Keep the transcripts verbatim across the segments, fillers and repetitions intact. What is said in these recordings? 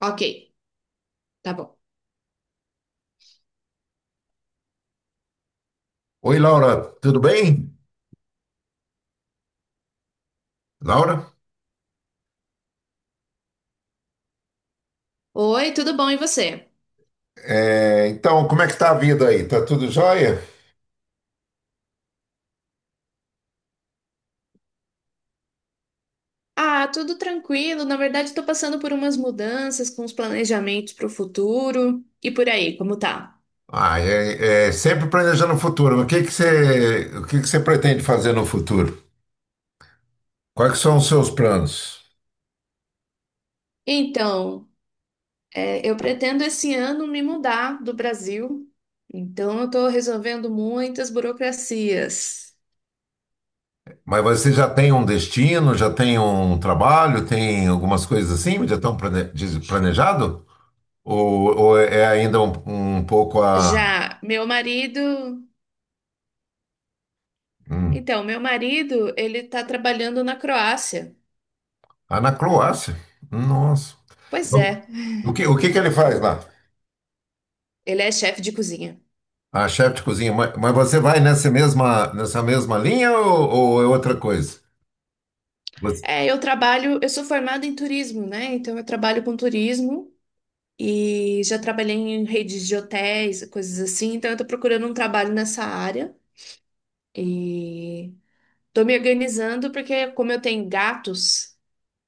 Ok, tá bom. Oi, Laura, tudo bem? Laura? Oi, tudo bom e você? É, então, como é que tá a vida aí? Tá tudo jóia? Ah, tudo tranquilo. Na verdade, estou passando por umas mudanças com os planejamentos para o futuro e por aí, como tá? Ah, é, é sempre planejando o futuro. O que que você, o que que você pretende fazer no futuro? Quais que são os seus planos? Então, é, eu pretendo esse ano me mudar do Brasil, então eu estou resolvendo muitas burocracias. Mas você já tem um destino, já tem um trabalho, tem algumas coisas assim, já estão plane- diz- planejado? Ou, ou é é ainda um, um pouco a, Já meu marido, hum, então, meu marido, ele está trabalhando na Croácia. ah, na Croácia? Nossa. Pois é, O que, o que que ele faz lá? ele é chefe de cozinha. A chefe de cozinha. Mas, mas você vai nessa mesma, nessa mesma linha ou, ou é outra coisa? Você- É, eu trabalho, eu sou formada em turismo, né? Então eu trabalho com turismo e já trabalhei em redes de hotéis, coisas assim. Então eu tô procurando um trabalho nessa área e tô me organizando porque como eu tenho gatos,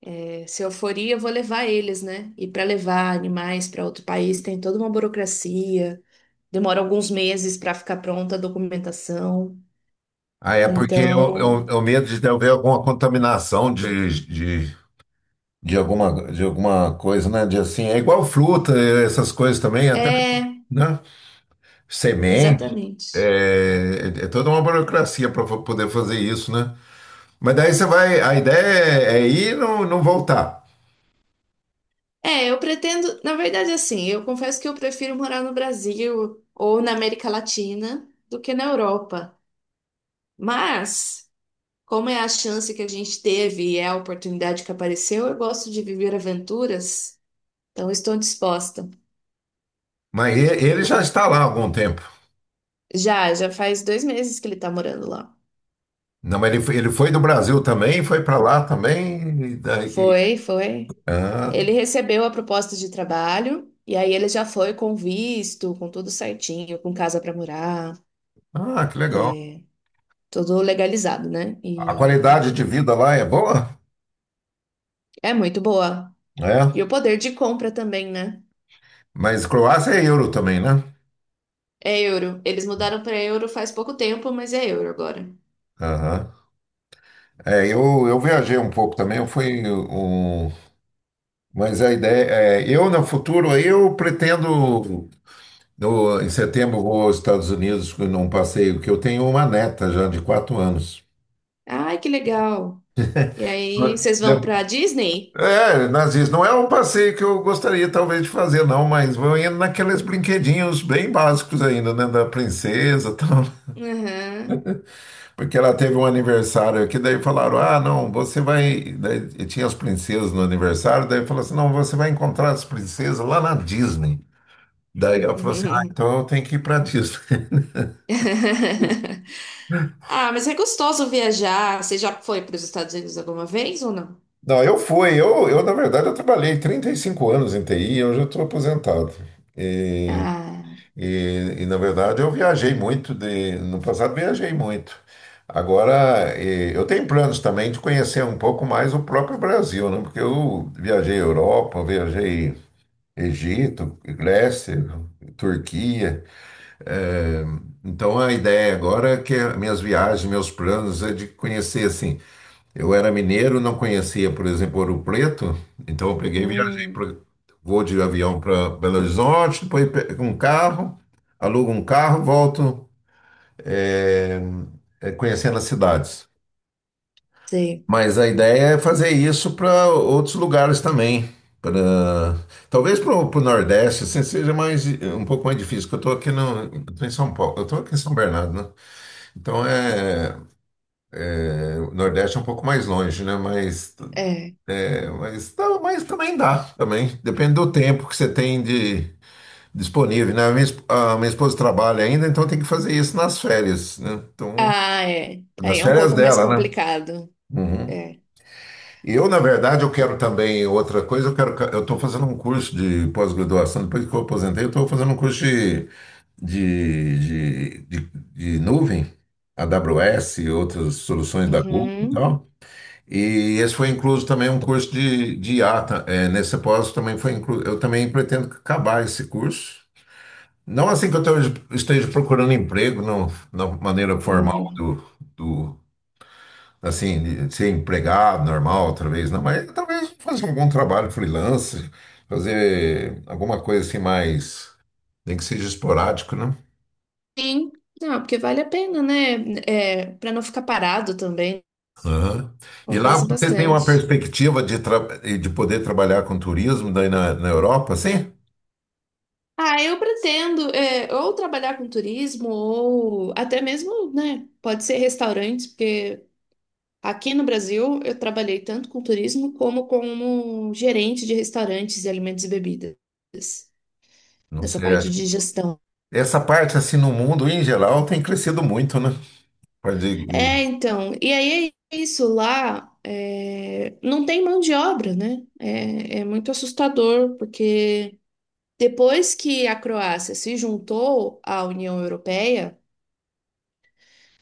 é, se eu for ir, eu vou levar eles, né? E para levar animais para outro país tem toda uma burocracia, demora alguns meses para ficar pronta a documentação. ah, é porque eu, eu, Então, eu medo de haver alguma contaminação de, de, de, alguma, de alguma coisa, né? De assim, é igual fruta, eh, essas coisas também, até, é, né? Semente. exatamente. É, é é toda uma burocracia para poder fazer isso, né? Mas daí você vai, a ideia é, é ir e não, não voltar. É, eu pretendo, na verdade, assim, eu confesso que eu prefiro morar no Brasil ou na América Latina do que na Europa. Mas, como é a chance que a gente teve e é a oportunidade que apareceu, eu gosto de viver aventuras, então estou disposta. Mas e- ele já está lá há algum tempo. Já, já faz dois meses que ele está morando lá. Não, mas ele, foi- ele foi do Brasil também, foi para lá também. E daí, Foi, foi. ah, Ele recebeu a proposta de trabalho e aí ele já foi com visto, com tudo certinho, com casa para morar, ah, que legal. tudo legalizado, né? A E qualidade de vida lá é boa? é muito boa. E Né? o poder de compra também, né? Mas Croácia é euro também, né? É euro. Eles mudaram para euro faz pouco tempo, mas é euro agora. Aham. É, eu, eu viajei um pouco também, eu fui um. Mas a ideia é, eu no futuro, eu pretendo. No, Em setembro vou aos Estados Unidos num passeio, que eu tenho uma neta já de quatro anos. Ai, que legal. E aí, vocês vão para Disney? É, nazis, não é um passeio que eu gostaria talvez de fazer, não, mas vou indo naqueles brinquedinhos bem básicos ainda, né, da princesa, e tal, Aham. porque ela teve um aniversário aqui, daí falaram, ah, não, você vai, daí tinha as princesas no aniversário, daí falou assim, não, você vai encontrar as princesas lá na Disney. Daí ela falou assim, ah, então eu tenho que ir para Disney. Ah, mas é gostoso viajar. Você já foi para os Estados Unidos alguma vez ou não? Não, eu fui, eu, eu na verdade eu trabalhei trinta e cinco anos em T I, hoje eu estou aposentado. Ah, E, e, na verdade eu viajei muito de, no passado viajei muito. Agora eh, eu tenho planos também de conhecer um pouco mais o próprio Brasil, né? Porque eu viajei Europa, viajei Egito, Grécia, Turquia. eh, então a ideia agora é que minhas viagens, meus planos é de conhecer assim, eu era mineiro, não conhecia, por exemplo, Ouro Preto, então eu peguei e viajei, hum, pra, vou de avião para Belo Horizonte, depois pego um carro, alugo um carro, volto, eh, eh, conhecendo as cidades. sei. Mas a ideia é fazer isso para outros lugares também. Pra, talvez para o Nordeste, assim, seja mais, um pouco mais difícil, porque eu estou aqui no, eu tô em São Paulo, eu estou aqui em São Bernardo, né? Então é, é, o Nordeste é um pouco mais longe, né? Mas É. é, mas, tá, mas também dá, também. Depende do tempo que você tem de disponível, né? A minha, esp- a minha esposa trabalha ainda, então tem que fazer isso nas férias, né? Então, Ah, é. Aí nas é um férias pouco mais dela, né? complicado. Uhum. É. E eu, na verdade, eu quero também outra coisa, eu quero, ca- eu estou fazendo um curso de pós-graduação, depois que eu aposentei, eu estou fazendo um curso de, de, de, de, de nuvem, A W S e outras soluções da Google e Uhum. tal. E esse foi incluso também um curso de, de I A. Ta- é, nesse pós também foi incluso. Eu também pretendo acabar esse curso. Não assim que eu tô- esteja procurando emprego, não, na maneira formal Uhum. do, do assim, de ser empregado normal, talvez, não, mas talvez fazer algum trabalho freelance, fazer alguma coisa assim mais, nem que seja esporádico, né? Sim. Não, porque vale a pena, né? É, para não ficar parado também. Aham. E lá Compensa você tem uma bastante. perspectiva de, tra- de poder trabalhar com turismo daí na, na Europa, sim? Ah, eu pretendo é, ou trabalhar com turismo ou até mesmo, né, pode ser restaurantes, porque aqui no Brasil eu trabalhei tanto com turismo como como gerente de restaurantes de alimentos e bebidas, Não nessa sei, parte acho de que... gestão. Essa parte, assim, no mundo em geral tem crescido muito, né? Pode... É, ir. então, e aí é isso lá, é, não tem mão de obra, né? É, é muito assustador, porque depois que a Croácia se juntou à União Europeia,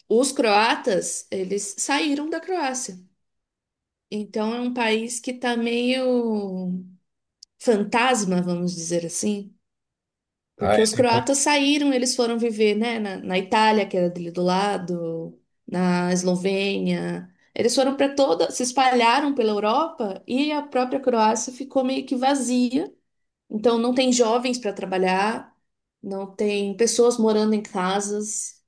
os croatas, eles saíram da Croácia. Então é um país que tá meio fantasma, vamos dizer assim. Ah, Porque os é. croatas saíram, eles foram viver, né, na, na Itália, que era dele do lado, na Eslovênia. Eles foram para toda, se espalharam pela Europa e a própria Croácia ficou meio que vazia. Então não tem jovens para trabalhar, não tem pessoas morando em casas.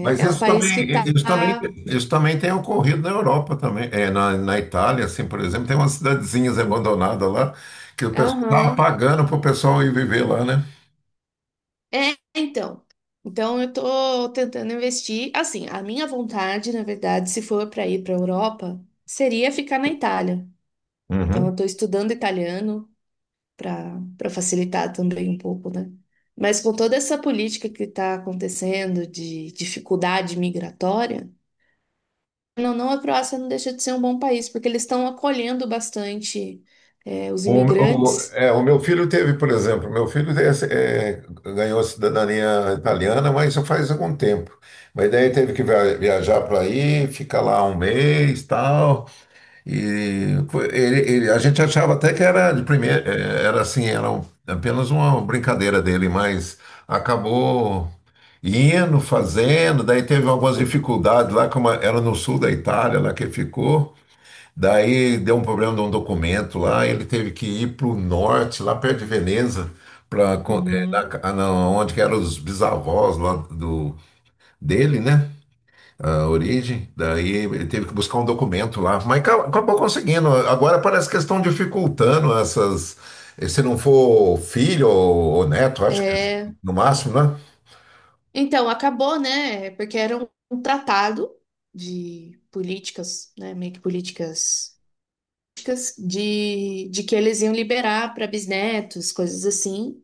Mas é um isso país que também, tá. isso também, isso também tem ocorrido na Europa também, é, na, na Itália, assim, por exemplo, tem umas cidadezinhas abandonadas lá que o pessoal estava Aham. pagando para o pessoal ir viver lá, né? É, então. Então eu tô tentando investir. Assim, a minha vontade, na verdade, se for para ir para Europa, seria ficar na Itália. Então eu Uhum. tô estudando italiano para para facilitar também um pouco, né? Mas com toda essa política que está acontecendo de dificuldade migratória, não, não, a Croácia não deixa de ser um bom país, porque eles estão acolhendo bastante é, os O, o- imigrantes. É, o meu filho teve, por exemplo, meu filho é, é, ganhou a cidadania italiana, mas já faz algum tempo. Mas daí teve que via- viajar para aí, ficar lá um mês, tal. E foi- ele, ele- a gente achava até que era de primeira, eh, era assim, era um- apenas uma brincadeira dele, mas acabou indo, fazendo, daí teve algumas dificuldades lá, como era no sul da Itália, lá que ele ficou, daí deu um problema de um documento lá, ele teve que ir para o norte, lá perto de Veneza, para Uhum. onde que eram os bisavós lá do, dele, né? A origem, daí ele teve que buscar um documento lá, mas ca- acabou conseguindo. Agora parece que estão dificultando essas. Se não for filho ou, ou neto, acho que no máximo, né? Então, acabou, né? Porque era um um tratado de políticas, né? Meio que políticas políticas de, de que eles iam liberar para bisnetos, coisas assim.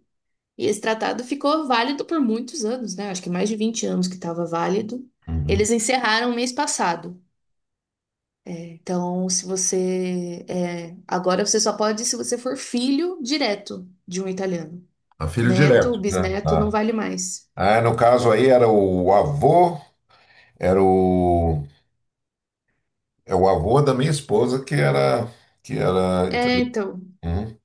E esse tratado ficou válido por muitos anos, né? Acho que mais de vinte anos que estava válido. Uhum. Eles encerraram mês passado. Então, se você é, agora você só pode se você for filho direto de um italiano. A filho Neto, direto, né? bisneto, não Ah. vale mais. Ah, no caso aí era o avô, era o, é o avô da minha esposa que era. Que era É, italiano. então. Uhum.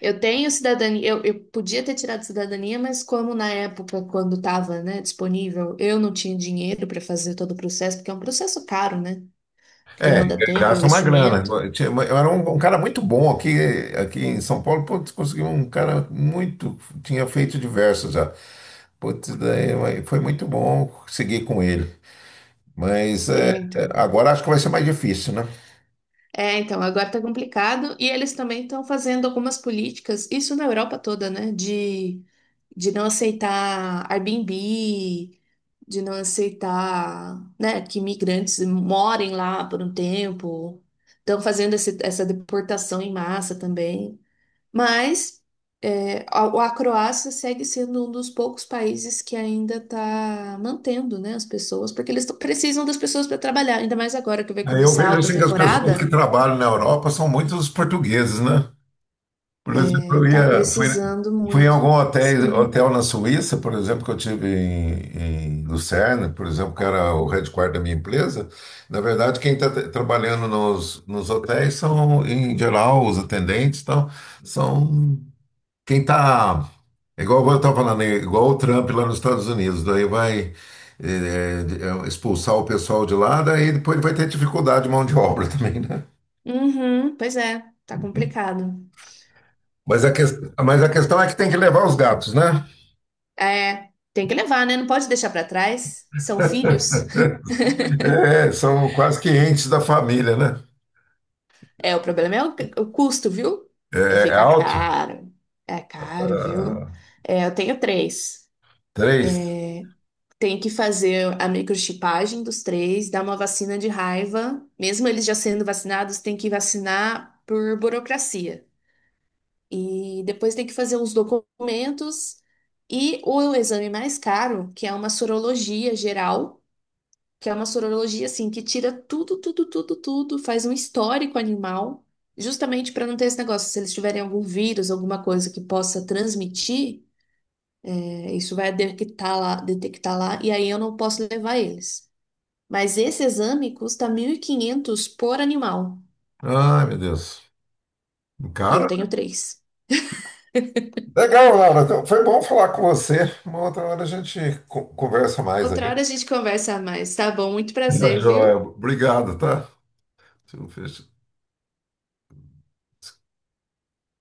Eu tenho cidadania, eu, eu podia ter tirado cidadania, mas como na época, quando estava, né, disponível, eu não tinha dinheiro para fazer todo o processo, porque é um processo caro, né? Que demanda tempo, Gasta uma grana. investimento. Eu tinha- eu era um, um cara muito bom aqui, aqui em São Paulo. Putz, conseguiu um cara muito. Tinha feito diversos já. Putz, daí foi muito bom seguir com ele. Mas é, É, é, então. agora acho que vai ser mais difícil, né? É, então, agora tá complicado. E eles também estão fazendo algumas políticas, isso na Europa toda, né? De, de não aceitar Airbnb, de não aceitar, né, que migrantes morem lá por um tempo. Estão fazendo esse- essa deportação em massa também. Mas é, a, a Croácia segue sendo um dos poucos países que ainda está mantendo, né, as pessoas, porque eles tão- precisam das pessoas para trabalhar, ainda mais agora que vai Aí eu começar a vejo alta assim que as pessoas que temporada. trabalham na Europa são muitos portugueses, né? Por exemplo, É, eu tá ia, fui, precisando fui em muito. algum hotel, Sim. hotel na Suíça, por exemplo, que eu tive em, em Lucerna, por exemplo, que era o headquarter da minha empresa. Na verdade, quem está trabalhando nos, nos hotéis são, em geral, os atendentes, então, são. Quem tá. É igual eu estava falando, é igual o Trump lá nos Estados Unidos, daí vai, é, é, é, expulsar o pessoal de lá, daí depois ele vai ter dificuldade de mão de obra também, né? Uhum, pois é, tá complicado. Mas a, ques- mas a questão é que tem que levar os gatos, né? É, tem que levar, né? Não pode deixar pra trás. São filhos. É, são quase que entes da família, né? É, o problema é o, o custo, viu? É, É é ficar alto? caro. É caro, viu? Ah, É, eu tenho três. três. Tenho que fazer a microchipagem dos três, dar uma vacina de raiva. Mesmo eles já sendo vacinados, tem que vacinar por burocracia. E depois tem que fazer os documentos e o exame mais caro, que é uma sorologia geral, que é uma sorologia assim que tira tudo, tudo, tudo, tudo, faz um histórico animal, justamente para não ter esse negócio, se eles tiverem algum vírus, alguma coisa que possa transmitir, é, isso vai detectar lá, detectar lá, e aí eu não posso levar eles. Mas esse exame custa mil e quinhentos por animal, Ai, meu Deus. e eu Cara, tenho três. legal, Laura. Então, foi bom falar com você. Uma outra hora a gente co- conversa mais Outra aí. hora a gente conversa mais, tá bom? Muito Tá prazer, joia. viu? Obrigado, tá? Deixa eu fechar.